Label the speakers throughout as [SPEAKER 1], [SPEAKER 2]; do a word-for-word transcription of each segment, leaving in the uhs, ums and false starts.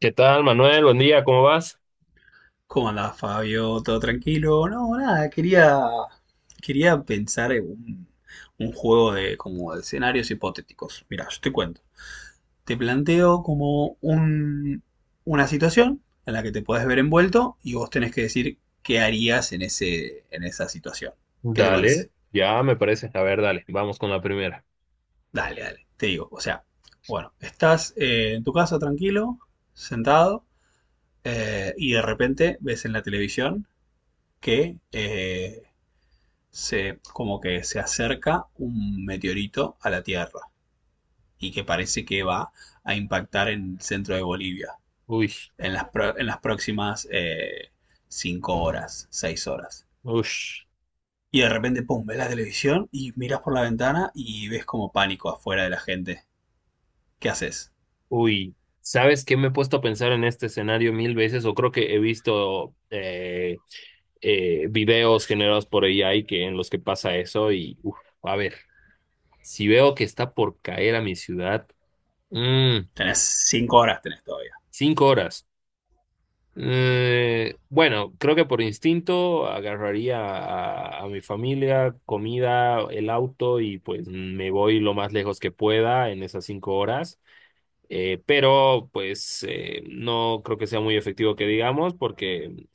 [SPEAKER 1] ¿Qué tal, Manuel? Buen día, ¿cómo vas?
[SPEAKER 2] ¿Cómo andás, Fabio? ¿Todo tranquilo? No, nada, quería, quería pensar en un, un juego de, como de escenarios hipotéticos. Mira, yo te cuento. Te planteo como un, una situación en la que te puedes ver envuelto y vos tenés que decir qué harías en ese, en esa situación. ¿Qué te parece?
[SPEAKER 1] Dale, ya me parece. A ver, dale, vamos con la primera.
[SPEAKER 2] Dale, dale, te digo. O sea, bueno, estás eh, en tu casa tranquilo, sentado, eh, y de repente ves en la televisión que eh, se, como que se acerca un meteorito a la Tierra y que parece que va a impactar en el centro de Bolivia
[SPEAKER 1] Uy,
[SPEAKER 2] en las, pro- en las próximas eh, cinco horas, seis horas.
[SPEAKER 1] uy,
[SPEAKER 2] Y de repente, pum, ves la televisión y miras por la ventana y ves como pánico afuera de la gente. ¿Qué haces?
[SPEAKER 1] uy. ¿Sabes qué me he puesto a pensar en este escenario mil veces? O creo que he visto eh, eh, videos generados por A I que, en los que pasa eso. Y, uf, a ver, si veo que está por caer a mi ciudad, mm,
[SPEAKER 2] Tenés cinco horas, tenés todavía.
[SPEAKER 1] cinco horas. Eh, bueno, creo que por instinto agarraría a, a mi familia, comida, el auto y pues me voy lo más lejos que pueda en esas cinco horas. Eh, pero pues eh, no creo que sea muy efectivo que digamos porque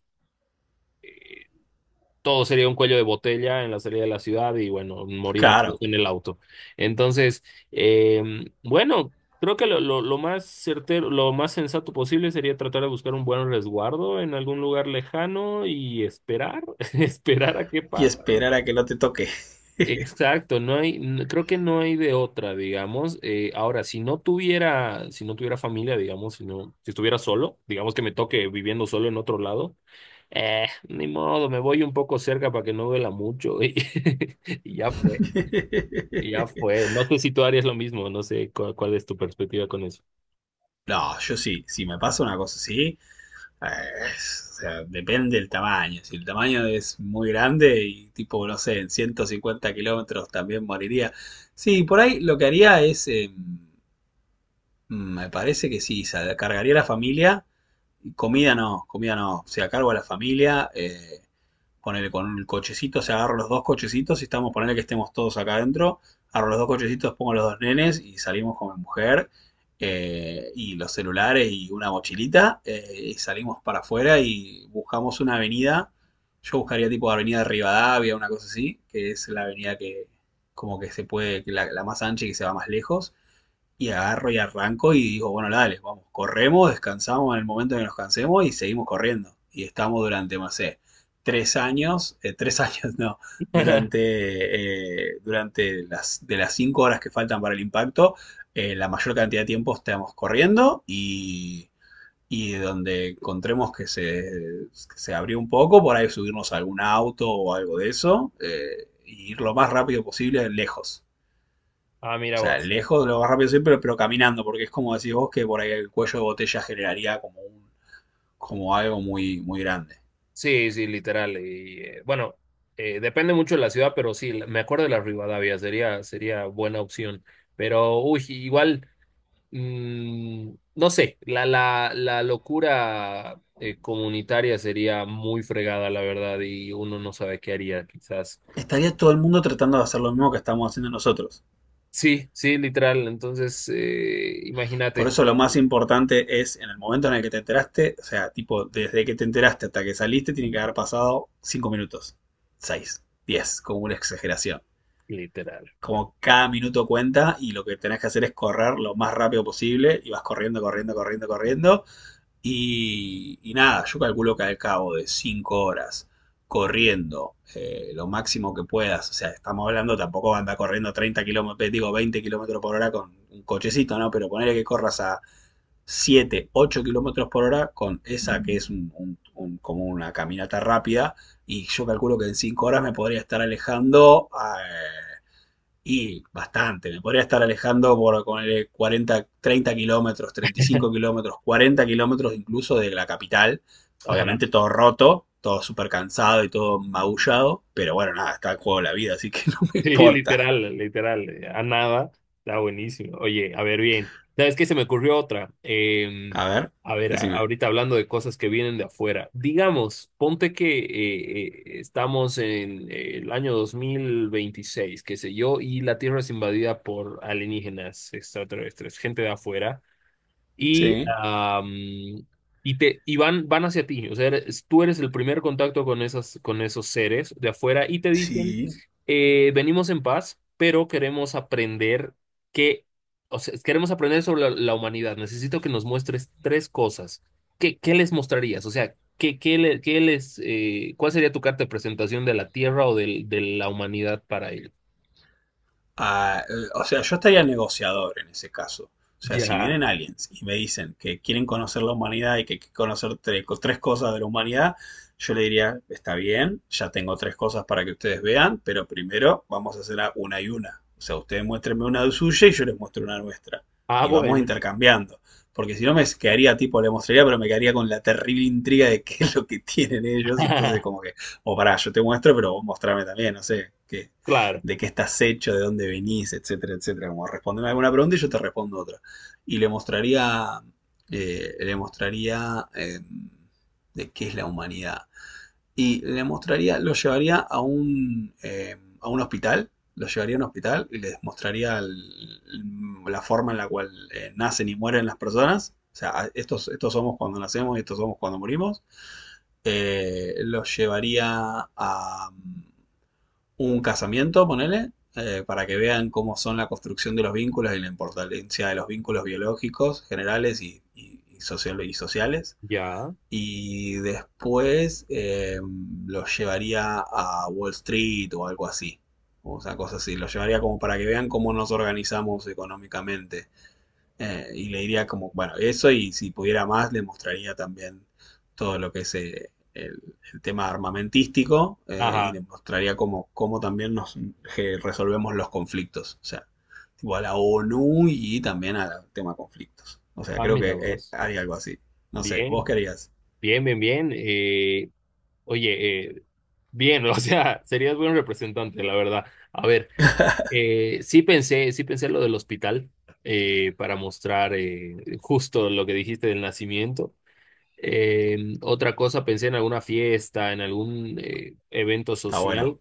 [SPEAKER 1] todo sería un cuello de botella en la salida de la ciudad y bueno, morimos todos
[SPEAKER 2] Claro.
[SPEAKER 1] en el auto. Entonces, eh, bueno, creo que lo, lo, lo más certero, lo más sensato posible sería tratar de buscar un buen resguardo en algún lugar lejano y esperar, esperar a qué
[SPEAKER 2] Y
[SPEAKER 1] pasa, ¿no?
[SPEAKER 2] esperar a que no te toque.
[SPEAKER 1] Exacto, no hay, n- creo que no hay de otra, digamos. Eh, ahora, si no tuviera, si no tuviera familia, digamos, si no, si estuviera solo, digamos que me toque viviendo solo en otro lado. Eh, ni modo, me voy un poco cerca para que no duela mucho y, ya fue, y ya fue. No sé si tú harías lo mismo, no sé cuál, cuál es tu perspectiva con eso.
[SPEAKER 2] No, yo sí, si me pasa una cosa así. Ah, Es- o sea, depende del tamaño. Si el tamaño es muy grande y tipo, no sé, en 150 kilómetros también moriría. Sí, por ahí lo que haría es, eh, mm, me parece que sí, sa- cargaría a la familia. Comida no, comida no. O sea, a cargo de la familia, eh, ponele con el cochecito, o sea, agarro los dos cochecitos y estamos, ponele que estemos todos acá adentro, agarro los dos cochecitos, pongo los dos nenes y salimos con mi mujer, eh, y los celulares y una mochilita, eh, y salimos para afuera y buscamos una avenida. Yo buscaría tipo avenida de Rivadavia, una cosa así, que es la avenida que como que se puede, que la, la más ancha y que se va más lejos, y agarro y arranco y digo, bueno, dale, vamos, corremos, descansamos en el momento en que nos cansemos y seguimos corriendo. Y estamos durante, no sé, tres años, eh, tres años no, durante, eh, durante las, de las cinco horas que faltan para el impacto, eh, la mayor cantidad de tiempo estamos corriendo, y, y donde encontremos que se, que se abrió un poco, por ahí subirnos a algún auto o algo de eso, eh, y ir lo más rápido posible lejos.
[SPEAKER 1] Ah,
[SPEAKER 2] O
[SPEAKER 1] mira
[SPEAKER 2] sea,
[SPEAKER 1] vos.
[SPEAKER 2] lejos de lo más rápido siempre, pero caminando, porque es como decís vos que por ahí el cuello de botella generaría como, un, como algo muy, muy grande.
[SPEAKER 1] Sí, sí, literal. Y eh, bueno, eh, depende mucho de la ciudad, pero sí, la- me acuerdo de la Rivadavia, sería, sería buena opción. Pero, uy, igual, mm, no sé, la, la, la locura eh, comunitaria sería muy fregada, la verdad, y uno no sabe qué haría, quizás.
[SPEAKER 2] Estaría todo el mundo tratando de hacer lo mismo que estamos haciendo nosotros.
[SPEAKER 1] Sí, sí, literal. Entonces, eh,
[SPEAKER 2] Por
[SPEAKER 1] imagínate,
[SPEAKER 2] eso lo más importante es en el momento en el que te enteraste, o sea, tipo, desde que te enteraste hasta que saliste, tiene que haber pasado cinco minutos, seis, diez, como una exageración.
[SPEAKER 1] literal.
[SPEAKER 2] Como cada minuto cuenta y lo que tenés que hacer es correr lo más rápido posible y vas corriendo, corriendo, corriendo, corriendo. Y, y nada, yo calculo que al cabo de cinco horas corriendo, eh, lo máximo que puedas, o sea, estamos hablando, tampoco anda corriendo treinta kilómetros, digo veinte kilómetros por hora con un cochecito, ¿no? Pero ponerle que corras a siete ocho kilómetros por hora con esa que es un- un- un- como una caminata rápida, y yo calculo que en cinco horas me podría estar alejando a Eh, y bastante, me podría estar alejando por ponerle cuarenta, treinta kilómetros, treinta y cinco kilómetros, cuarenta kilómetros incluso de la capital.
[SPEAKER 1] Ajá.
[SPEAKER 2] Obviamente todo roto, todo súper cansado y todo magullado, pero bueno, nada, está en juego la vida, así que no me
[SPEAKER 1] Sí,
[SPEAKER 2] importa.
[SPEAKER 1] literal, literal. eh, A nada. Está buenísimo. Oye, a ver, bien. ¿Sabes qué? Se me ocurrió otra. Eh,
[SPEAKER 2] A ver,
[SPEAKER 1] a ver, a-
[SPEAKER 2] decime.
[SPEAKER 1] ahorita hablando de cosas que vienen de afuera. Digamos, ponte que eh, eh, estamos en eh, el año dos mil veintiséis, qué sé yo, y la Tierra es invadida por alienígenas extraterrestres, gente de afuera. Y,
[SPEAKER 2] Sí,
[SPEAKER 1] am, y, te, y van, van hacia ti. O sea, eres- tú eres el primer contacto con esas, con esos seres de afuera y te dicen,
[SPEAKER 2] sí,
[SPEAKER 1] eh, venimos en paz, pero queremos aprender que, o sea, queremos aprender sobre la, la humanidad. Necesito que nos muestres tres cosas. ¿Qué, qué les mostrarías? O sea, ¿qué, qué, le- qué les, eh, cuál sería tu carta de presentación de la Tierra o del- de la humanidad para ellos?
[SPEAKER 2] a- o sea, yo estaría negociador en ese caso. O sea, si
[SPEAKER 1] Ya.
[SPEAKER 2] vienen aliens y me dicen que quieren conocer la humanidad y que hay que conocer tre- tres cosas de la humanidad, yo le diría, está bien, ya tengo tres cosas para que ustedes vean, pero primero vamos a hacerla una y una. O sea, ustedes muéstrenme una de suya y yo les muestro una nuestra.
[SPEAKER 1] Ah,
[SPEAKER 2] Y vamos
[SPEAKER 1] bueno.
[SPEAKER 2] intercambiando. Porque si no me quedaría tipo, le mostraría, pero me quedaría con la terrible intriga de qué es lo que tienen ellos. Entonces, como que, o pará, yo te muestro, pero vos mostrame también, no sé, qué,
[SPEAKER 1] Claro.
[SPEAKER 2] de qué estás hecho, de dónde venís, etcétera, etcétera. Como responderme alguna pregunta y yo te respondo otra. Y le mostraría, eh, le mostraría eh, de qué es la humanidad. Y le mostraría, lo llevaría a un, eh, a un hospital, lo llevaría a un hospital y les mostraría el- la forma en la cual eh, nacen y mueren las personas. O sea, estos, estos somos cuando nacemos y estos somos cuando morimos. Eh, los llevaría a un casamiento, ponele, eh, para que vean cómo son la construcción de los vínculos y la importancia de los vínculos biológicos, generales y, y, y social- y sociales.
[SPEAKER 1] Ya.
[SPEAKER 2] Y después eh, los llevaría a Wall Street o algo así. O sea, cosas así. Los llevaría como para que vean cómo nos organizamos económicamente, eh, y le diría como, bueno, eso, y si pudiera más le mostraría también todo lo que es eh, el, el tema armamentístico, eh, y
[SPEAKER 1] Ajá.
[SPEAKER 2] le mostraría cómo, cómo también nos que resolvemos los conflictos. O sea, tipo a la ONU y también al tema conflictos. O sea,
[SPEAKER 1] Ah,
[SPEAKER 2] creo que
[SPEAKER 1] mira
[SPEAKER 2] eh,
[SPEAKER 1] vos.
[SPEAKER 2] haría algo así. No sé, vos
[SPEAKER 1] Bien,
[SPEAKER 2] qué harías.
[SPEAKER 1] bien, bien, bien. Eh, oye, eh, bien, o sea, serías buen representante, la verdad. A ver, eh, sí pensé, sí pensé lo del hospital eh, para mostrar eh, justo lo que dijiste del nacimiento. Eh, otra cosa, pensé en alguna fiesta, en algún eh, evento
[SPEAKER 2] Está bueno.
[SPEAKER 1] social,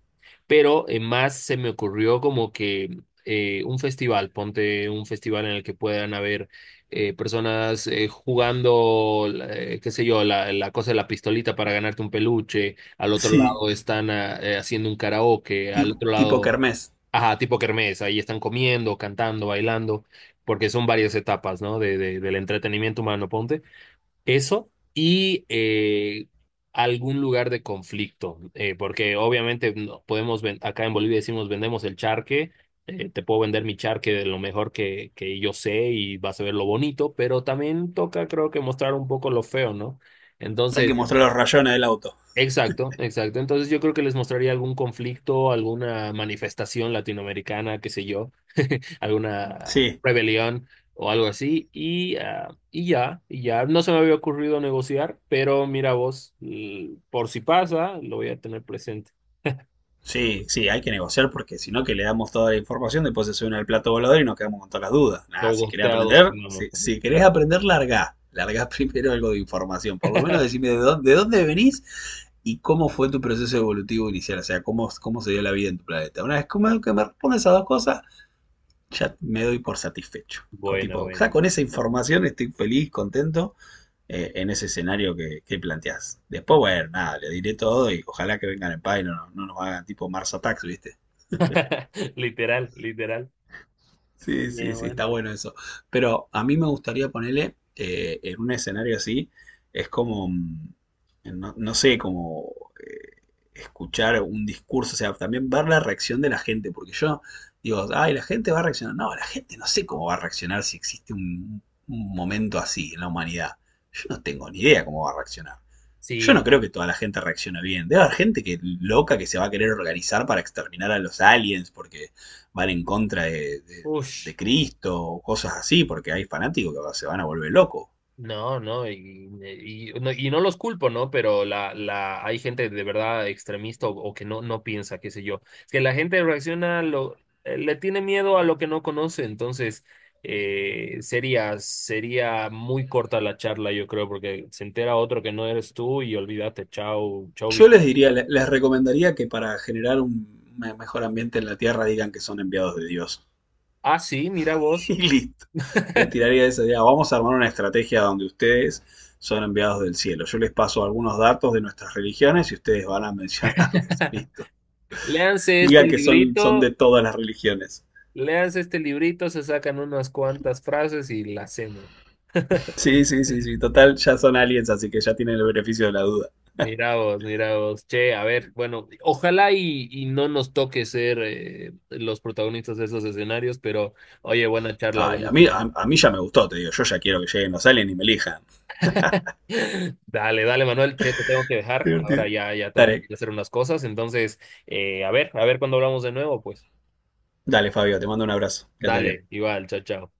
[SPEAKER 1] pero eh, más se me ocurrió como que eh, un festival, ponte un festival en el que puedan haber eh, personas eh, jugando, eh, qué sé yo, la, la cosa de la pistolita para ganarte un peluche, al otro
[SPEAKER 2] Sí,
[SPEAKER 1] lado están ah, eh, haciendo un karaoke,
[SPEAKER 2] ti-
[SPEAKER 1] al otro
[SPEAKER 2] tipo
[SPEAKER 1] lado,
[SPEAKER 2] Kermés.
[SPEAKER 1] ajá, tipo kermés, ahí están comiendo, cantando, bailando, porque son varias etapas, ¿no? de, de- del entretenimiento humano, ponte. Eso y eh, algún lugar de conflicto, eh, porque obviamente no podemos, ven- acá en Bolivia decimos vendemos el charque, eh, te puedo vender mi charque de lo mejor que, que yo sé y vas a ver lo bonito, pero también toca creo que mostrar un poco lo feo, ¿no?
[SPEAKER 2] Hay que
[SPEAKER 1] Entonces,
[SPEAKER 2] mostrar los rayones del auto.
[SPEAKER 1] exacto, exacto. Entonces yo creo que les mostraría algún conflicto, alguna manifestación latinoamericana, qué sé yo alguna
[SPEAKER 2] Sí.
[SPEAKER 1] rebelión o algo así. Y, ah, y ya, y ya. No se me había ocurrido negociar, pero mira vos, l- por si pasa, lo voy a tener presente.
[SPEAKER 2] Sí, sí, hay que negociar porque si no, que le damos toda la información, después se suben al plato volador y nos quedamos con todas las dudas. Nada,
[SPEAKER 1] Los
[SPEAKER 2] si querés
[SPEAKER 1] gosteados
[SPEAKER 2] aprender,
[SPEAKER 1] vamos
[SPEAKER 2] si, si querés
[SPEAKER 1] literal
[SPEAKER 2] aprender, larga. Larga primero algo de información. Por lo menos
[SPEAKER 1] entrar.
[SPEAKER 2] decime de dónde, de dónde venís y cómo fue tu proceso evolutivo inicial. O sea, cómo, cómo se dio la vida en tu planeta. Una vez que me, que me respondes a dos cosas, ya me doy por satisfecho. Con,
[SPEAKER 1] Bueno,
[SPEAKER 2] tipo, o sea,
[SPEAKER 1] bueno.
[SPEAKER 2] con esa información estoy feliz, contento, eh, en ese escenario que, que planteás. Después, bueno, nada, le diré todo y ojalá que vengan en paz y no, no- no nos hagan tipo Mars Attacks, ¿viste?
[SPEAKER 1] Literal, literal.
[SPEAKER 2] Sí, sí,
[SPEAKER 1] Bien,
[SPEAKER 2] sí, está
[SPEAKER 1] buena.
[SPEAKER 2] bueno eso. Pero a mí me gustaría ponerle eh, en un escenario así, es como, mm, no, no sé, como eh, escuchar un discurso, o sea, también ver la reacción de la gente, porque yo digo, ay, la gente va a reaccionar. No, la gente no sé cómo va a reaccionar si existe un, un momento así en la humanidad. Yo no tengo ni idea cómo va a reaccionar. Yo no
[SPEAKER 1] Sí.
[SPEAKER 2] creo que toda la gente reaccione bien. Debe haber gente que loca que se va a querer organizar para exterminar a los aliens porque van en contra de, de- de- de
[SPEAKER 1] Ush.
[SPEAKER 2] Cristo o cosas así, porque hay fanáticos que se van a volver locos.
[SPEAKER 1] No, no, y, y, no, y no los culpo, ¿no? Pero la, la, hay gente de verdad extremista o, o que no, no piensa, qué sé yo. Es que la gente reacciona, a lo, eh, le tiene miedo a lo que no conoce, entonces eh, sería, sería muy corta la charla, yo creo, porque se entera otro que no eres tú y olvídate, chao, chao.
[SPEAKER 2] Yo
[SPEAKER 1] Viste.
[SPEAKER 2] les diría, le- les recomendaría que para generar un me- mejor ambiente en la Tierra digan que son enviados de Dios.
[SPEAKER 1] Ah, sí, mira vos.
[SPEAKER 2] Y listo. Le tiraría esa idea. Vamos a armar una estrategia donde ustedes son enviados del cielo. Yo les paso algunos datos de nuestras religiones y ustedes van a mencionarlos. Listo.
[SPEAKER 1] Léanse este
[SPEAKER 2] Digan que son, son
[SPEAKER 1] librito,
[SPEAKER 2] de todas las religiones.
[SPEAKER 1] léanse este librito, se sacan unas cuantas frases y la hacemos.
[SPEAKER 2] Sí, sí, sí, sí. Total, ya son aliens, así que ya tienen el beneficio de la duda.
[SPEAKER 1] Mira vos, mira vos. Che, a ver, bueno, ojalá y, y no nos toque ser eh, los protagonistas de esos escenarios, pero oye, buena charla,
[SPEAKER 2] Ay, a mí,
[SPEAKER 1] buenísima.
[SPEAKER 2] a, a mí ya me gustó, te digo. Yo ya quiero que lleguen los aliens y me elijan.
[SPEAKER 1] Dale, dale, Manuel, che, te tengo que dejar.
[SPEAKER 2] Divertido.
[SPEAKER 1] Ahora ya, ya tengo que ir
[SPEAKER 2] Dale,
[SPEAKER 1] a hacer unas cosas. Entonces, eh, a ver, a ver cuando hablamos de nuevo, pues.
[SPEAKER 2] dale, Fabio, te mando un abrazo. Quédate bien.
[SPEAKER 1] Dale, igual, chao, chao.